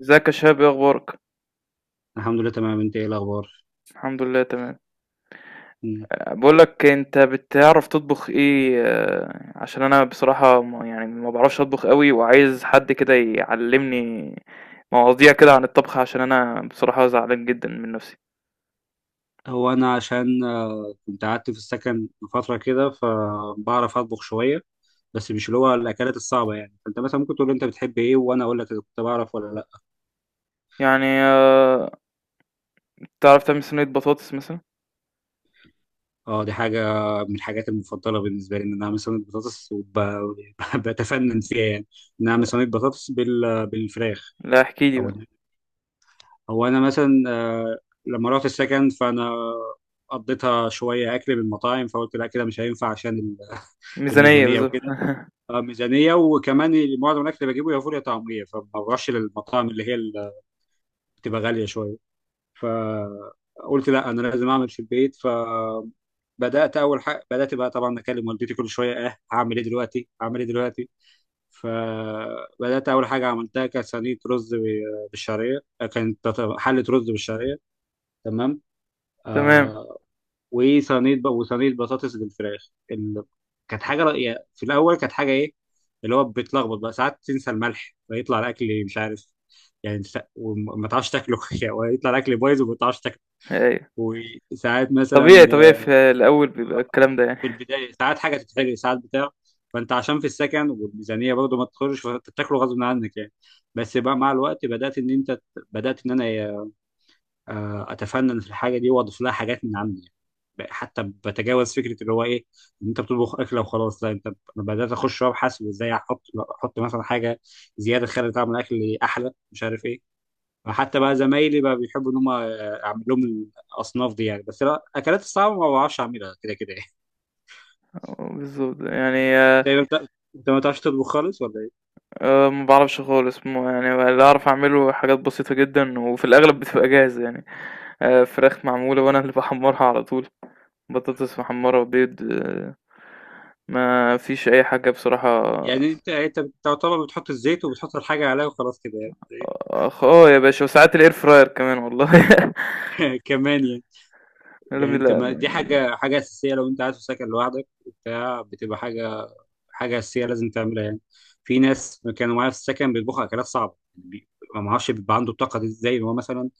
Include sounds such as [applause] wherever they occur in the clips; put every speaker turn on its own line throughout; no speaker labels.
ازيك يا شباب؟ ايه اخبارك؟
الحمد لله، تمام. انت ايه الاخبار؟
الحمد لله، تمام.
مم.
بقول لك، انت بتعرف تطبخ ايه؟ عشان انا بصراحة ما بعرفش اطبخ قوي، وعايز حد كده يعلمني مواضيع كده عن الطبخ، عشان انا بصراحة زعلان جدا من نفسي.
هو انا عشان كنت قعدت في السكن فتره كده فبعرف اطبخ شويه، بس مش اللي هو الاكلات الصعبه يعني. فانت مثلا ممكن تقول لي انت بتحب ايه وانا اقول لك اذا كنت بعرف ولا لا.
يعني تعرف تعمل صينية بطاطس مثلا؟
اه، دي حاجه من الحاجات المفضله بالنسبه لي، ان انا اعمل صينيه بطاطس وبتفنن [laughs] فيها يعني، ان انا اعمل صينيه بطاطس بالفراخ.
لا، احكي لي
او
بقى.
انا هو انا مثلا لما رحت السكن فانا قضيتها شويه اكل من المطاعم، فقلت لا كده مش هينفع عشان
ميزانية
الميزانيه
بالظبط.
وكده.
[laughs]
ميزانيه، وكمان معظم الاكل اللي بجيبه يا فول يا طعميه، فما بروحش للمطاعم اللي هي اللي بتبقى غاليه شويه. فقلت لا انا لازم اعمل في البيت، فبدات. اول حاجه بدات بقى طبعا اكلم والدتي كل شويه، اه هعمل ايه دلوقتي، هعمل ايه دلوقتي. فبدات اول حاجه عملتها كانت صينيه رز بالشعريه، كانت حله رز بالشعريه، تمام.
تمام.
آه، وصينيه بطاطس بالفراخ كانت حاجه في الاول كانت حاجه ايه، اللي هو بتلخبط بقى، ساعات تنسى الملح فيطلع الاكل مش عارف يعني وما تعرفش تاكله [laughs] يعني، ويطلع الاكل بايظ وما تعرفش تاكله.
ايوه.
وساعات مثلا،
طبيعي طبيعي، في الاول بيبقى الكلام ده يعني.
في البدايه ساعات حاجه تتحرق، ساعات بتاع. فانت عشان في السكن والميزانيه برضه ما تخرجش، فانت بتاكله غصب عنك يعني. بس بقى مع الوقت بدات ان انت، بدات ان انا اتفنن في الحاجه دي واضيف لها حاجات من عندي يعني. حتى بتجاوز فكره اللي هو ايه، ان انت بتطبخ اكله وخلاص، لا انت، انا بدات اخش وابحث وازاي احط مثلا حاجه زياده تخلي طعم الاكل احلى، مش عارف ايه. فحتى بقى زمايلي بقى بيحبوا ان هم اعمل لهم الاصناف دي يعني، بس لا اكلات الصعبه ما بعرفش اعملها كده كده يعني.
[laughs] بالظبط يعني
[laughs]
آه،
انت ما بتع- انت ما بتعرفش تطبخ خالص ولا ايه؟
ما بعرفش خالص. اللي اعرف اعمله حاجات بسيطة جدا، وفي الاغلب بتبقى جاهزة يعني. فراخ معمولة وانا اللي [laughs] بحمرها على طول. بطاطس محمرة وبيض. ما فيش اي حاجة بصراحة.
يعني انت، انت بتعتبر بتحط الزيت وبتحط الحاجه عليها وخلاص كده؟
اخ اه يا باشا، وساعات الاير فراير كمان والله.
يعني [laughs] كمان يعني.
[laughs] لا،
يعني انت ما
لا.
دي
يعني
حاجه اساسيه، لو انت قاعد في سكن لوحدك وبتاع بتبقى حاجه، حاجه اساسيه لازم تعملها يعني. في ناس كانوا معايا في السكن بيطبخوا اكلات صعبه ما اعرفش بيبقى عنده الطاقه دي ازاي، إن هو مثلا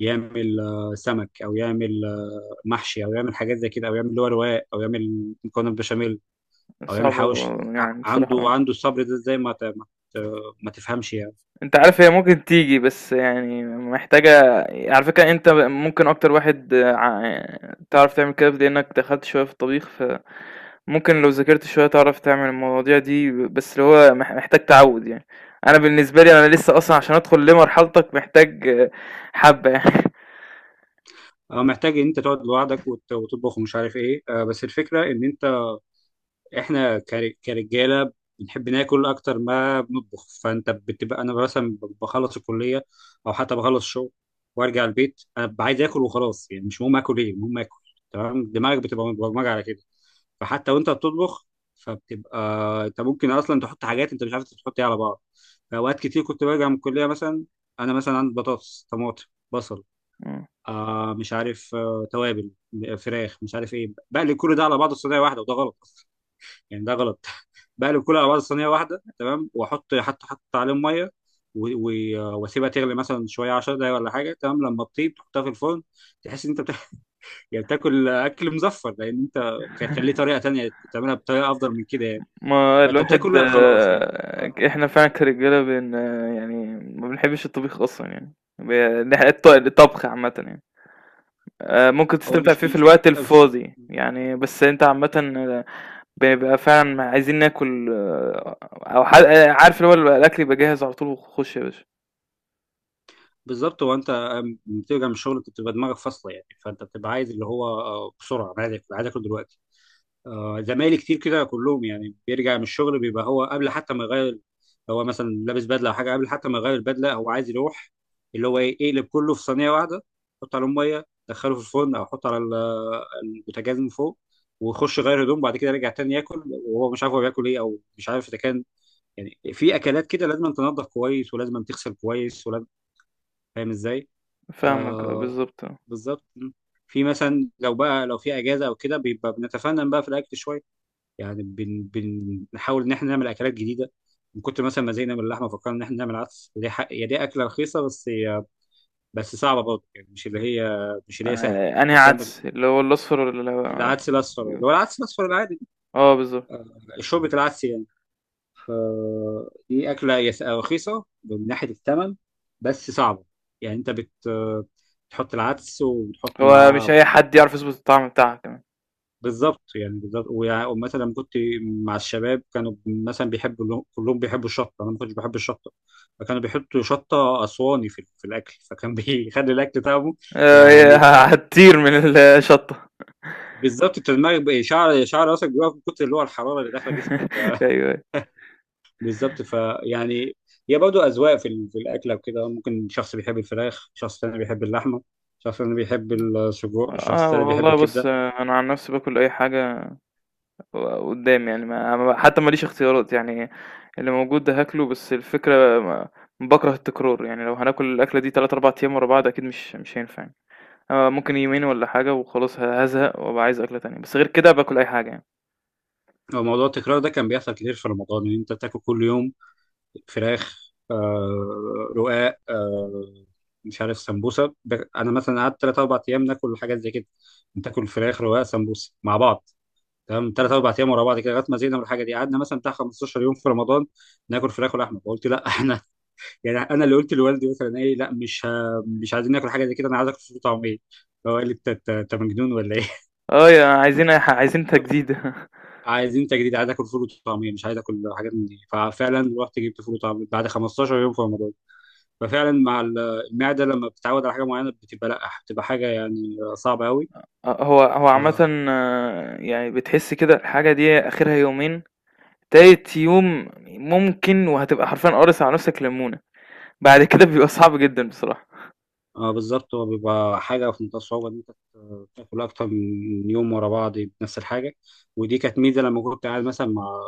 يعمل سمك، او يعمل محشي، او يعمل حاجات زي كده، او يعمل اللي هو رواق، او يعمل مكرونه بشاميل، او يعمل
صعبة،
حواوشي.
يعني
عنده،
بصراحة.
عنده الصبر ده ازاي، ما تفهمش يعني.
انت عارف، هي ممكن تيجي بس يعني محتاجة. على فكرة انت ممكن اكتر واحد، تعرف تعمل كده، لانك دخلت شوية في الطبيخ. ممكن لو ذاكرت شوية تعرف تعمل المواضيع دي، بس اللي هو محتاج تعوّد يعني. أنا بالنسبة لي، أنا لسه أصلًا عشان أدخل لمرحلتك محتاج حبّة يعني.
محتاج ان انت تقعد لوحدك وتطبخ ومش عارف ايه. بس الفكره ان انت، احنا كرجاله بنحب ناكل اكتر ما بنطبخ. فانت بتبقى، انا مثلا بخلص الكليه او حتى بخلص الشغل وارجع البيت، انا ببقى عايز اكل وخلاص. يعني مش مهم اكل ايه، المهم اكل، تمام. دماغك بتبقى مبرمجه على كده، فحتى وانت بتطبخ فبتبقى، انت ممكن اصلا تحط حاجات انت مش عارف تحط ايه على بعض. فاوقات كتير كنت برجع من الكليه مثلا، انا مثلا عندي بطاطس، طماطم، بصل،
إمم.
آه مش عارف، آه توابل، فراخ، مش عارف ايه، بقلب كل ده على بعضه في صينيه واحده، وده غلط يعني، ده غلط. [laughs] بقلب كله على بعض صينيه واحده تمام، واحط حتى، حط عليهم ميه واسيبها تغلي مثلا شويه 10 دقايق ولا حاجه، تمام، لما تطيب تحطها في الفرن. تحس ان انت بتاكل [laughs] يعني، بتاكل اكل مزفر، لان انت كان ليه
[laughs]
طريقه تانيه تعملها بطريقه افضل من كده يعني.
ما
فانت
الواحد
بتاكل لا خلاص يعني.
آه،
آه،
إحنا فعلًا كرجالة بن آه، يعني ما بنحبّش الطبيخ أصلًا يعني. ب نح الط الطبخ عامةً يعني. ممكن
هو
تستمتع
مش
فيه في
مش فكره،
الوقت
مش
الفاضي، يعني بس أنت عامةً. بيبقى فعلًا عايزين ناكل آه، أو ح آه، عارف اللي هو الأكل يبقى جاهز على طول وخُش يا باشا.
بالظبط. هو انت بترجع من الشغل بتبقى دماغك فاصله يعني، فانت بتبقى عايز اللي هو بسرعه، انا عايز اكل دلوقتي. زمايلي كتير كده، كلهم يعني بيرجع من الشغل بيبقى هو قبل حتى ما يغير، هو مثلا لابس بدله او حاجه، قبل حتى ما يغير البدله هو عايز يروح اللي هو ايه، يقلب كله في صينيه واحده، يحط عليهم ميه دخله في الفرن، او يحط على البوتاجاز من فوق، ويخش يغير هدوم، بعد كده يرجع تاني ياكل وهو مش عارف هو بياكل ايه، او مش عارف اذا كان يعني في اكلات كده لازم تنضف كويس، ولازم تغسل كويس، ولازم. فاهم ازاي؟
فاهمك،
آه،
بالضبط.
بالظبط. في مثلا، لو بقى لو في اجازه او كده بيبقى بنتفنن بقى في الاكل شويه يعني. بنحاول ان احنا نعمل اكلات جديده. من كتر مثلا ما زهقنا من اللحمه فكرنا ان احنا نعمل عدس، دي حق هي دي اكله رخيصه، بس هي، بس صعبه برضه يعني، مش اللي هي، مش اللي هي سهله. انت
أنهي
بتعمل
عدس؟ اللي هو الأصفر والّا اللي هو.
العدس الاصفر، اللي هو العدس الاصفر العادي،
آه، بالضبط.
شوربه العدس يعني. ف- دي اكله هي رخيصه من ناحيه الثمن، بس صعبه يعني. انت بت بتحط العدس وبتحط
هو مش
معاه.
أي حد يعرف يضبط الطعم بتاعها كمان.
بالظبط يعني، بالظبط. ومثلا كنت مع الشباب كانوا مثلا بيحبوا كلهم بيحبوا الشطه، انا ما كنتش بحب الشطه، فكانوا بيحطوا شطه اسواني في في الاكل، فكان [laughs] بيخلي الاكل طعمه
هي [laughs]
يعني،
هتطير من الشطة.
بالظبط. انت دماغك شعر راسك بيقف من كتر اللي هو الحراره اللي
[laughs]
داخله جسمك [laughs]
أيوه، أيوه.
بالظبط. هي برضه اذواق في في الاكله وكده، ممكن شخص بيحب الفراخ، شخص تاني بيحب اللحمه، شخص تاني بيحب السجق، شخص
آه
تاني بيحب
والله بُص،
الكبده.
آه، أنا عن نفسي باكل أي حاجة ق قدّامي يعني. ما حتى ما ليش اختيارات، يعني اللي موجود ده هاكله، بس الفكرة ما باكره التكرار، يعني لو هناكل الأكلة دي 3، 4 أيام ورا بعض أكيد مش هينفع يعني. آه، ممكن يومين والّا حاجة وخلاص هازهق وأبقى عايز أكلة تانية، بس غير كده باكل أي حاجة يعني.
هو موضوع التكرار ده كان بيحصل كتير في رمضان، ان انت تاكل كل يوم فراخ، آه، رقاق، آه، مش عارف، سمبوسه. انا مثلا قعدت 3 4 ايام ناكل حاجات زي كده، بتاكل فراخ رقاق سمبوسه مع بعض، تمام، 3 4 ايام ورا بعض كده، لغايه ما زهقنا من الحاجه دي. قعدنا مثلا بتاع 15 يوم في رمضان ناكل فراخ ولحمه، فقلت لا [laughs] احنا يعني. انا اللي قلت لوالدي مثلا ايه، لا مش مش عايزين ناكل حاجه زي كده، انا عايز اكل فول وطعميه. فهو قال لي انت، أنت مجنون ولا ايه؟ [laughs]
يا عايزين، عايزين
بالظبط.
تجديد. [laughs]
عايزين تجديد، عايز اكل فول وطعميه، مش عايز اكل حاجات من دي. ففعلا رحت جبت فول وطعميه بعد 15 يوم في رمضان. ففعلا مع المعدة لما بتتعود على حاجة معينة بتبقى لا، بتبقى حاجة يعني صعبة قوي.
هو هو
آه.
عامةً، يعني بتحس كده الحاجة دي آخرها يومين، تالت يوم ممكن وهتبقى حرفيًا قارص على نفْسك ليمونة، بعد كده بيبقى صعب جدًا بصراحة.
بالظبط، هو بيبقى حاجة في منتهى الصعوبة إن أنت تاكل أكتر من يوم ورا بعض بنفس الحاجة. ودي كانت ميزة لما كنت قاعد مثلا مع،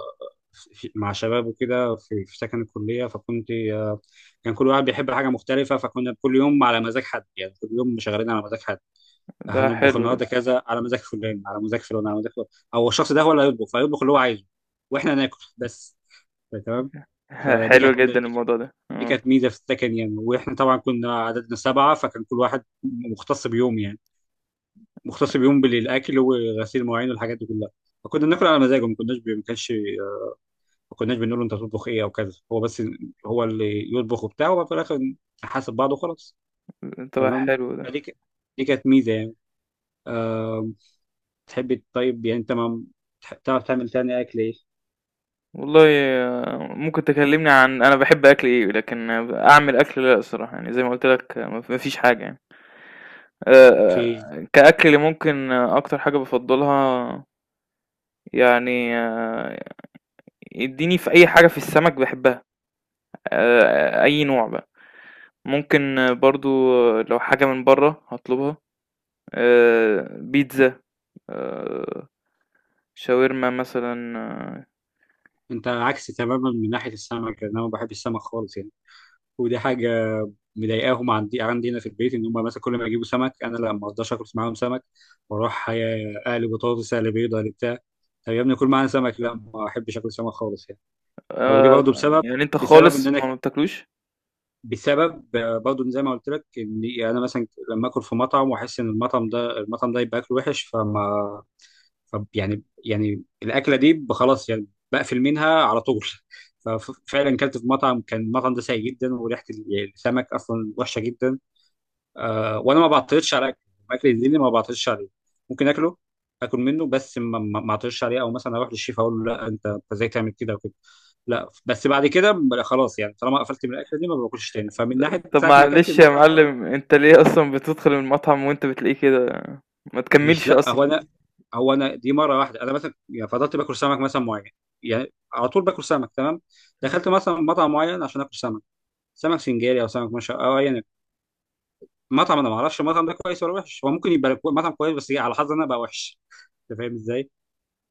مع شباب وكده في في سكن الكلية، فكنت كان كل واحد بيحب حاجة مختلفة، فكنا كل يوم على مزاج حد يعني، كل يوم شغالين على مزاج حد.
ده
هنطبخ
حلو ده.
النهاردة كذا على مزاج فلان، على مزاج فلان، على مزاج فلان، أو الشخص ده هو اللي هيطبخ، فيطبخ اللي هو عايزه واحنا ناكل بس، تمام.
[laughs]
فدي
حلو
كانت دي
جدًا
كانت
الموضوع ده،
دي
آه،
كانت ميزه في السكن يعني. واحنا طبعا كنا عددنا 7، فكان كل واحد مختص بيوم يعني، مختص بيوم بالاكل وغسيل المواعين والحاجات دي كلها. فكنا بناكل على مزاجه، ما كناش بي- ما كانش ما كناش بنقول له انت تطبخ ايه او كذا، هو بس، هو اللي يطبخ وبتاع، وفي الاخر نحاسب بعض وخلاص،
طَب
تمام.
حلو ده.
فدي ك- دي كانت ميزه يعني. أه. تحب، طيب يعني انت ما تعرف تعمل تاني اكل ايه؟
والله، ممكن تكلمني عن أنا باحب أكل إيه، لكن، أعمل أكل لأ الصراحة، يعني زي ما قُلت لك ما ما فيش حاجة يعني.
اوكي.
كأكل اللي ممكن، أكتر حاجة بافضّلها يعني. اديني في أي حاجة، في السمك باحبها. أي نوع بقى، ممكن برضه لو حاجة من برّه هاطلبها. بيتزا. آآ، شاورما مثلًا.
انت عكسي تماما من ناحيه السمك يعني. انا ما بحب السمك خالص يعني. ودي حاجه مضايقاهم، عندي هنا في البيت، ان هم مثلا كل ما يجيبوا سمك انا لا ما اقدرش اكل معاهم سمك. بروح اقلي بطاطس، اقلي بيض، اقلي بتاع. طب يا ابني كل معانا سمك، لا ما احبش اكل سمك خالص يعني. او دي برضه
آآ،
بسبب،
يعني أنت
بسبب ان
خالص
انا
ما بتاكلوش؟
بسبب برضه زي ما قلت لك، ان انا مثلا لما اكل في مطعم واحس ان المطعم ده، المطعم ده يبقى اكله وحش، فما، طب يعني، يعني الاكله دي خلاص يعني، بقفل منها على طول. [laughs] ففعلا كلت في مطعم كان المطعم ده سيء جدا، وريحه يعني السمك اصلا وحشه جدا. آه، وانا ما بعترضش على اكل، اكل الدين ما بعترضش عليه، ممكن اكله، اكل منه، بس ما اعترضش عليه، او مثلا اروح للشيف اقول له لا انت، انت ازاي تعمل كده وكده، لا. بس بعد كده خلاص يعني، طالما قفلت من الاكله دي ما باكلش تاني. فمن ناحيه
طب
ساعه ما اكلت في
معلش يا
المطعم ده،
معلم، أنت ليه أصلًا بتدخل المطعم وأنت بتلاقيه كده؟ ما
مش
تكمّلش
لا هو
أصلًا.
انا هو انا دي مره واحده. انا مثلا يعني فضلت باكل سمك مثلا معين يعني، على طول باكل سمك، تمام. دخلت مثلا مطعم معين عشان اكل سمك، سمك سنجاري او سمك مشا او ايا يكن، مطعم انا ما اعرفش المطعم ده كويس ولا وحش، هو ممكن يبقى مطعم كويس، بس إيه، على حظي انا بقى وحش. انت فاهم ازاي؟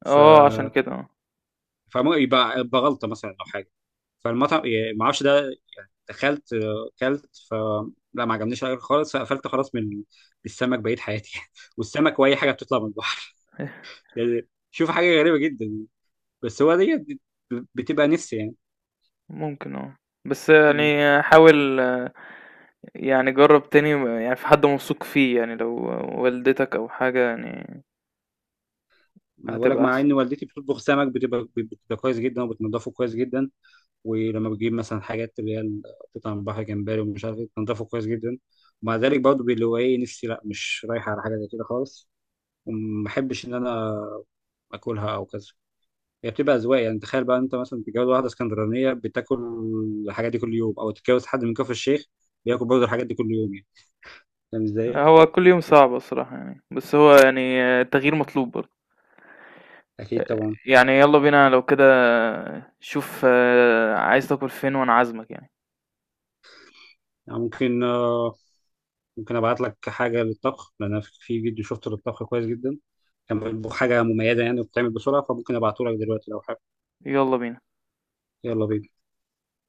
ف
عشان كده.
فممكن يبقى بغلطه مثلا او حاجه. فالمطعم يعني ما اعرفش ده، دخلت كلت، ف، لا ما عجبنيش الأكل خالص، فقفلت خلاص من السمك بقيت حياتي [laughs] والسمك واي حاجه بتطلع من البحر يعني، شوف حاجه غريبه جدا، بس هو ديت بتبقى نفسي يعني.
ممكن. بس
مم.
يعني حاول. يعني جرّب تاني. يعني في حد موثوق فيه يعني، لو والدتك أو حاجة يعني،
ما بقولك،
هتبقى
مع
احسن.
ان والدتي بتطبخ سمك بتبقى، بتبقى كويس جدا وبتنضفه كويس جدا. ولما بتجيب مثلا حاجات اللي هي قطع من البحر، جمبري ومش عارف ايه، بتنضفه كويس جدا، ومع ذلك برضه اللي هو ايه، نفسي لا مش رايحه على حاجه زي كده خالص، وما بحبش ان انا اكلها او كذا. هي بتبقى اذواق يعني، تخيل بقى انت مثلا تتجوز واحده اسكندرانيه بتاكل الحاجات دي كل يوم، او تتجوز حد من كفر الشيخ بياكل برضه الحاجات دي كل يوم يعني. فاهم ازاي؟
هو كل يوم صعب الصراحة يعني، بس هو يعني التغيير مطلوب برضه.
اكيد طبعا.
يعني يلا بينا لو كده، شوف، عايز تاكل فين وانا عازمك يعني.
يعني ممكن ممكن ابعت لك حاجه للطبخ، لان انا في فيديو شفته للطبخ كويس جدا، كان بيطبخ حاجه مميزه يعني بتتعمل بسرعه، فممكن ابعته لك دلوقتي لو حابب.
يلا بينا.
يلا بينا.